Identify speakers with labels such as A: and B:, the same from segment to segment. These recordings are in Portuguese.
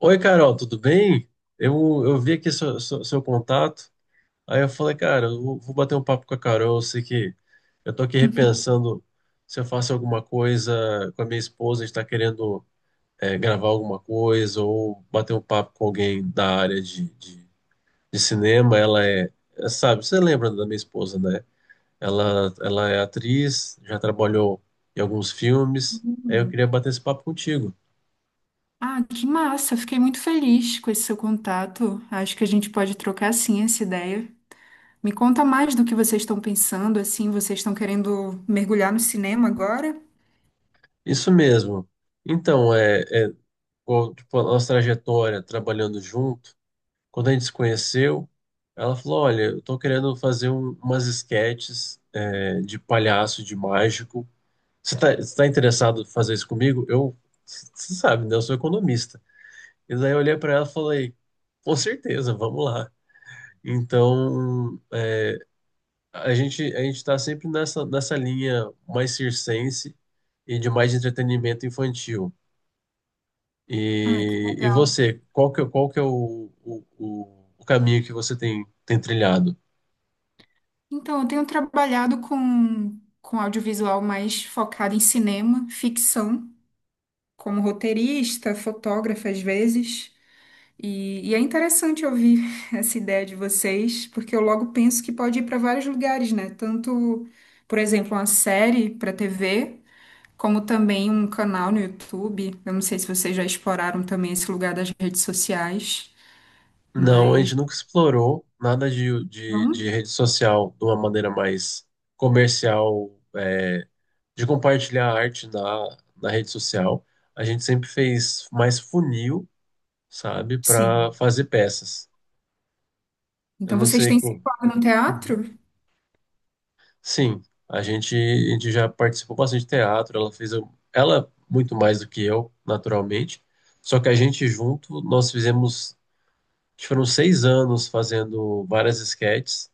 A: Oi, Carol, tudo bem? Eu, eu vi aqui seu contato, aí eu falei, cara, eu vou bater um papo com a Carol, eu sei que eu tô aqui repensando se eu faço alguma coisa com a minha esposa, a gente tá querendo gravar alguma coisa ou bater um papo com alguém da área de cinema, sabe, você lembra da minha esposa, né? Ela é atriz, já trabalhou em alguns filmes, aí eu
B: Hum.
A: queria bater esse papo contigo.
B: Ah, que massa! Fiquei muito feliz com esse seu contato. Acho que a gente pode trocar sim essa ideia. Me conta mais do que vocês estão pensando, assim, vocês estão querendo mergulhar no cinema agora?
A: Isso mesmo. Então, igual, tipo, a nossa trajetória trabalhando junto, quando a gente se conheceu, ela falou: Olha, eu tô querendo fazer umas esquetes de palhaço, de mágico. Você tá interessado em fazer isso comigo? Eu, você sabe, né? Eu sou economista. E daí eu olhei para ela e falei: Com certeza, vamos lá. Então. A gente está sempre nessa linha mais circense e de mais entretenimento infantil.
B: Ah, que
A: E
B: legal.
A: você, qual que é o caminho que você tem trilhado?
B: Então, eu tenho trabalhado com audiovisual mais focado em cinema, ficção, como roteirista, fotógrafa às vezes. E é interessante ouvir essa ideia de vocês, porque eu logo penso que pode ir para vários lugares, né? Tanto, por exemplo, uma série para TV, como também um canal no YouTube. Eu não sei se vocês já exploraram também esse lugar das redes sociais,
A: Não, a gente
B: mas
A: nunca explorou nada de
B: não,
A: rede social de uma maneira mais comercial, é, de compartilhar arte na rede social. A gente sempre fez mais funil, sabe, para
B: sim.
A: fazer peças. Eu
B: Então
A: não
B: vocês
A: sei
B: têm se
A: como.
B: formado no teatro?
A: Sim, a gente já participou bastante de teatro, ela fez, ela muito mais do que eu, naturalmente, só que a gente junto, nós fizemos, acho que foram seis anos fazendo várias esquetes,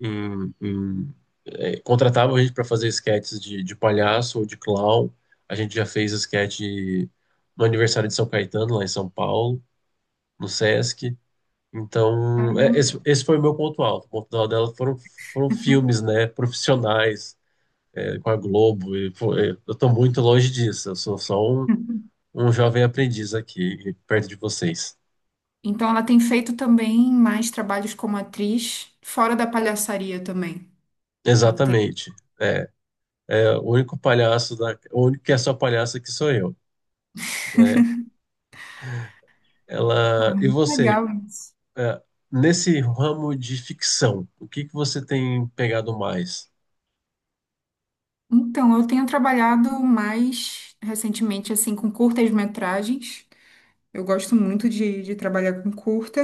A: em, em, contratavam a gente para fazer esquetes de palhaço ou de clown, a gente já fez esquete no aniversário de São Caetano, lá em São Paulo, no Sesc, então é,
B: Caramba.
A: esse foi o meu ponto alto, o ponto alto dela foram filmes, né, profissionais, é, com a Globo. E, pô, é, eu tô muito longe disso. Eu sou só um, um jovem aprendiz aqui, perto de vocês.
B: Então ela tem feito também mais trabalhos como atriz, fora da palhaçaria também. Ela tem.
A: Exatamente. É, é o único palhaço da, o único que é só palhaço que sou eu, né? Ela, e você,
B: Legal, né?
A: é, nesse ramo de ficção, o que que você tem pegado mais?
B: Então, eu tenho trabalhado mais recentemente, assim, com curtas-metragens. Eu gosto muito de trabalhar com curta.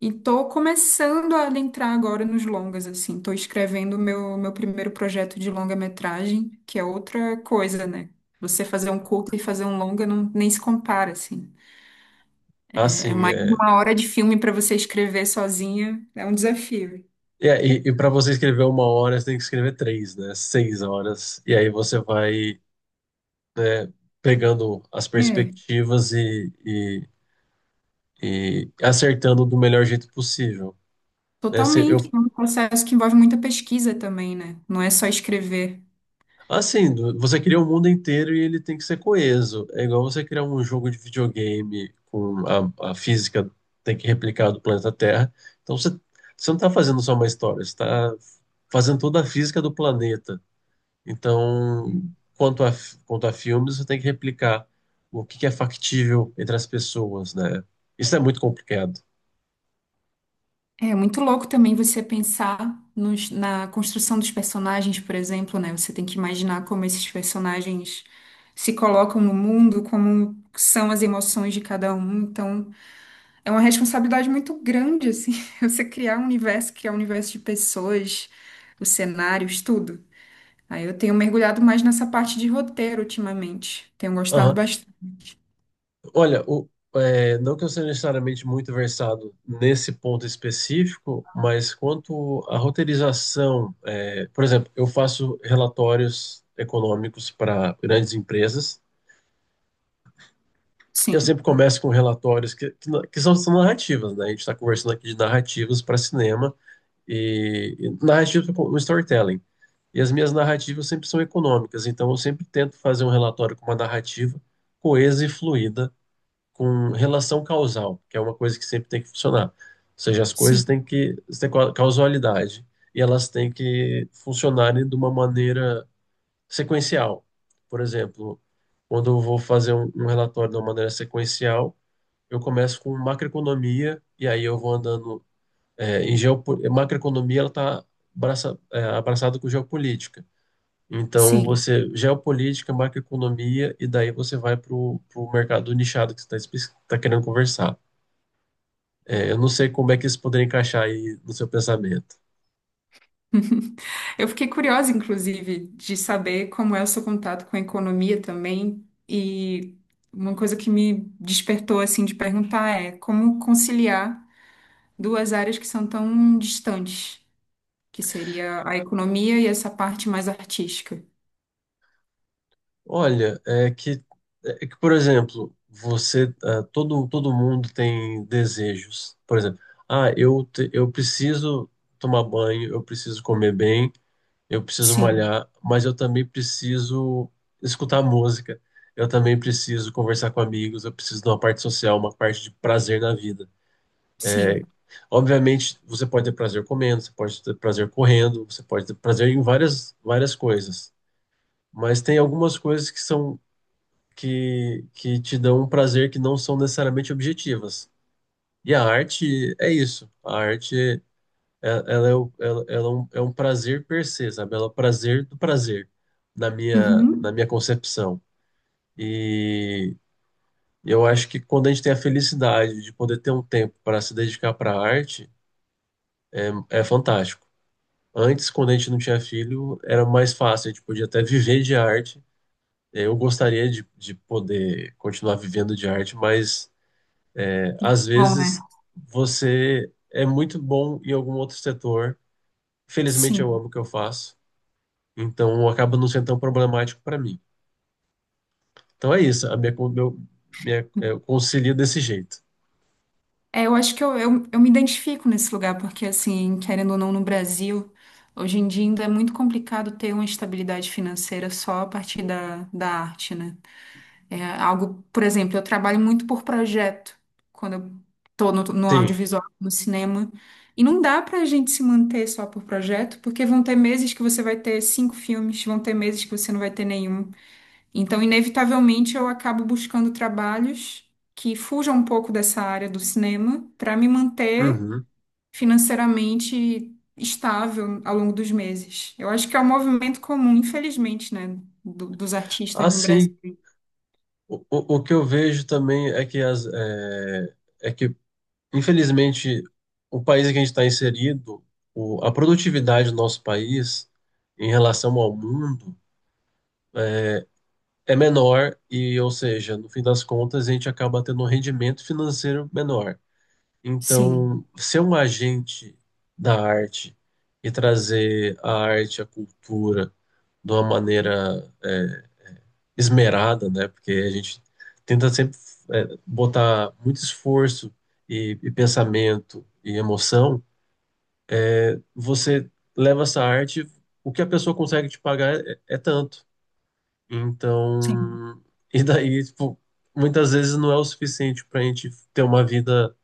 B: E tô começando a adentrar agora nos longas, assim. Tô escrevendo o meu primeiro projeto de longa-metragem, que é outra coisa, né? Você fazer um curta e fazer um longa não, nem se compara, assim. É
A: Assim,
B: mais de uma hora de filme para você escrever sozinha. É um desafio.
A: e para você escrever uma hora, você tem que escrever três, né? Seis horas. E aí você vai, né, pegando as
B: É,
A: perspectivas e acertando do melhor jeito possível, né? Se eu,
B: totalmente. É um processo que envolve muita pesquisa também, né? Não é só escrever.
A: assim, você cria o mundo inteiro e ele tem que ser coeso. É igual você criar um jogo de videogame com a física tem que replicar do planeta Terra. Então você, você não está fazendo só uma história, você está fazendo toda a física do planeta. Então, quanto a filmes, você tem que replicar o que que é factível entre as pessoas, né? Isso é muito complicado.
B: É muito louco também você pensar na construção dos personagens, por exemplo, né? Você tem que imaginar como esses personagens se colocam no mundo, como são as emoções de cada um. Então, é uma responsabilidade muito grande, assim, você criar um universo de pessoas, os cenários, tudo. Aí eu tenho mergulhado mais nessa parte de roteiro ultimamente. Tenho gostado bastante.
A: Olha, não que eu seja necessariamente muito versado nesse ponto específico, mas quanto à roteirização, é, por exemplo, eu faço relatórios econômicos para grandes empresas. Eu
B: Sim,
A: sempre começo com relatórios que são, são narrativas, né? A gente está conversando aqui de narrativas para cinema e narrativas com storytelling. E as minhas narrativas sempre são econômicas, então eu sempre tento fazer um relatório com uma narrativa coesa e fluida com relação causal, que é uma coisa que sempre tem que funcionar. Ou seja, as coisas
B: sim,
A: têm que ter causalidade e elas têm que funcionarem de uma maneira sequencial. Por exemplo, quando eu vou fazer um, um relatório de uma maneira sequencial, eu começo com macroeconomia e aí eu vou andando é, em geopo... macroeconomia ela está abraça, é, abraçada com geopolítica. Então,
B: sim.
A: você geopolítica, macroeconomia, e daí você vai para o mercado nichado que você está querendo conversar. É, eu não sei como é que isso poderia encaixar aí no seu pensamento.
B: Eu fiquei curiosa, inclusive, de saber como é o seu contato com a economia também. E uma coisa que me despertou, assim, de perguntar é como conciliar duas áreas que são tão distantes, que seria a economia e essa parte mais artística.
A: Olha, é que por exemplo, você, ah, todo mundo tem desejos. Por exemplo, ah, eu, eu preciso tomar banho, eu preciso comer bem, eu preciso
B: Sim,
A: malhar, mas eu também preciso escutar música, eu também preciso conversar com amigos, eu preciso de uma parte social, uma parte de prazer na vida.
B: sim.
A: Obviamente, você pode ter prazer comendo, você pode ter prazer correndo, você pode ter prazer em várias, várias coisas. Mas tem algumas coisas que que te dão um prazer que não são necessariamente objetivas. E a arte é isso. A arte ela é é um prazer per se, sabe? Ela é o prazer do prazer, na
B: Uhum.
A: minha concepção. E eu acho que quando a gente tem a felicidade de poder ter um tempo para se dedicar para a arte, é fantástico. Antes, quando a gente não tinha filho, era mais fácil, a gente podia até viver de arte. Eu gostaria de poder continuar vivendo de arte, mas às
B: Bom, né?
A: vezes você é muito bom em algum outro setor. Felizmente eu
B: Sim.
A: amo o que eu faço, então acaba não sendo tão problemático para mim. Então é isso, a minha, co- meu, minha, é, eu concilio desse jeito.
B: É, eu acho que eu me identifico nesse lugar, porque, assim, querendo ou não, no Brasil, hoje em dia ainda é muito complicado ter uma estabilidade financeira só a partir da arte, né? É algo, por exemplo, eu trabalho muito por projeto, quando eu tô no
A: Sim.
B: audiovisual, no cinema, e não dá pra gente se manter só por projeto, porque vão ter meses que você vai ter 5 filmes, vão ter meses que você não vai ter nenhum. Então, inevitavelmente, eu acabo buscando trabalhos que fujam um pouco dessa área do cinema para me manter
A: Uhum.
B: financeiramente estável ao longo dos meses. Eu acho que é um movimento comum, infelizmente, né, dos artistas no
A: Assim,
B: Brasil.
A: o que eu vejo também é que, infelizmente, o país em que a gente está inserido, a produtividade do nosso país em relação ao mundo é menor e, ou seja, no fim das contas, a gente acaba tendo um rendimento financeiro menor.
B: Sim,
A: Então, ser um agente da arte e trazer a arte, a cultura de uma maneira é, esmerada, né? Porque a gente tenta sempre é, botar muito esforço e pensamento e emoção. É, você leva essa arte, o que a pessoa consegue te pagar é é tanto.
B: sim.
A: Então, e daí, tipo, muitas vezes não é o suficiente para a gente ter uma vida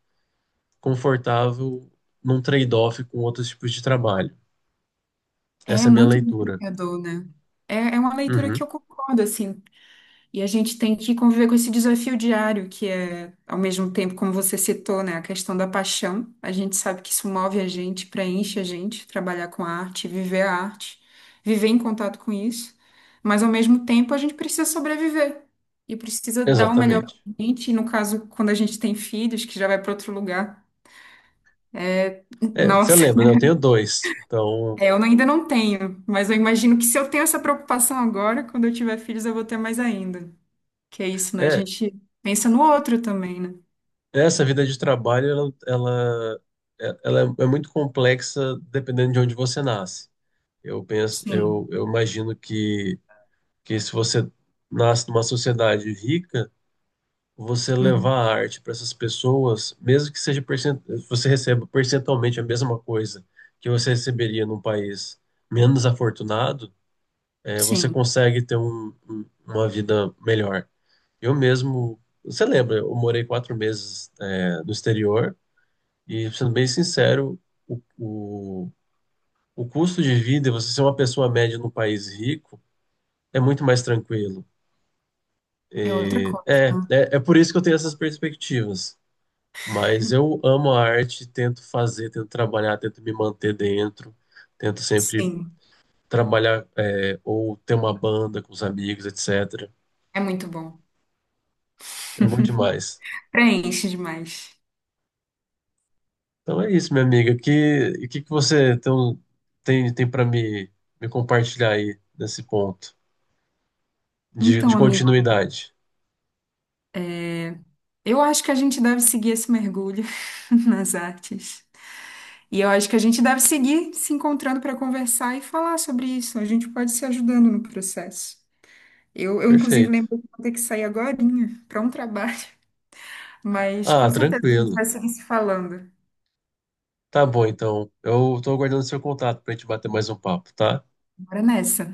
A: confortável num trade-off com outros tipos de trabalho. Essa
B: É
A: é a minha
B: muito
A: leitura.
B: desafiador, né? É, é uma leitura que
A: Uhum,
B: eu concordo, assim. E a gente tem que conviver com esse desafio diário, que é, ao mesmo tempo, como você citou, né, a questão da paixão. A gente sabe que isso move a gente, preenche a gente, trabalhar com a arte, viver em contato com isso. Mas, ao mesmo tempo, a gente precisa sobreviver e precisa dar o melhor para
A: exatamente.
B: a gente. E, no caso, quando a gente tem filhos, que já vai para outro lugar.
A: É, você
B: Nossa,
A: lembra, né? Eu tenho dois. Então,
B: é, eu ainda não tenho, mas eu imagino que se eu tenho essa preocupação agora, quando eu tiver filhos, eu vou ter mais ainda. Que é isso, né? A
A: é,
B: gente pensa no outro também, né?
A: essa vida de trabalho, ela é é muito complexa dependendo de onde você nasce. Eu penso,
B: Sim,
A: eu imagino que se você nasce numa sociedade rica, você
B: uhum,
A: levar a arte para essas pessoas, mesmo que seja percent... você receba percentualmente a mesma coisa que você receberia num país menos afortunado, é, você
B: sim,
A: consegue ter uma vida melhor. Eu mesmo, você lembra, eu morei quatro meses, é, no exterior e, sendo bem sincero, o, o, o custo de vida, você ser uma pessoa média num país rico, é muito mais tranquilo.
B: é outra coisa.
A: É por isso que eu tenho essas perspectivas. Mas eu amo a arte, tento fazer, tento trabalhar, tento me manter dentro, tento sempre
B: Sim,
A: trabalhar, é, ou ter uma banda com os amigos, etc.
B: é muito bom.
A: É bom demais.
B: Preenche demais.
A: Então é isso, minha amiga. Que e que que você então, tem para me me compartilhar aí nesse ponto de
B: Então, amigo,
A: continuidade?
B: eu acho que a gente deve seguir esse mergulho nas artes. E eu acho que a gente deve seguir se encontrando para conversar e falar sobre isso. A gente pode se ajudando no processo. Eu inclusive,
A: Perfeito.
B: lembro que vou ter que sair agorinha para um trabalho, mas com
A: Ah,
B: certeza a gente
A: tranquilo.
B: vai seguir se falando.
A: Tá bom, então. Eu tô aguardando seu contato pra gente bater mais um papo, tá?
B: Bora nessa.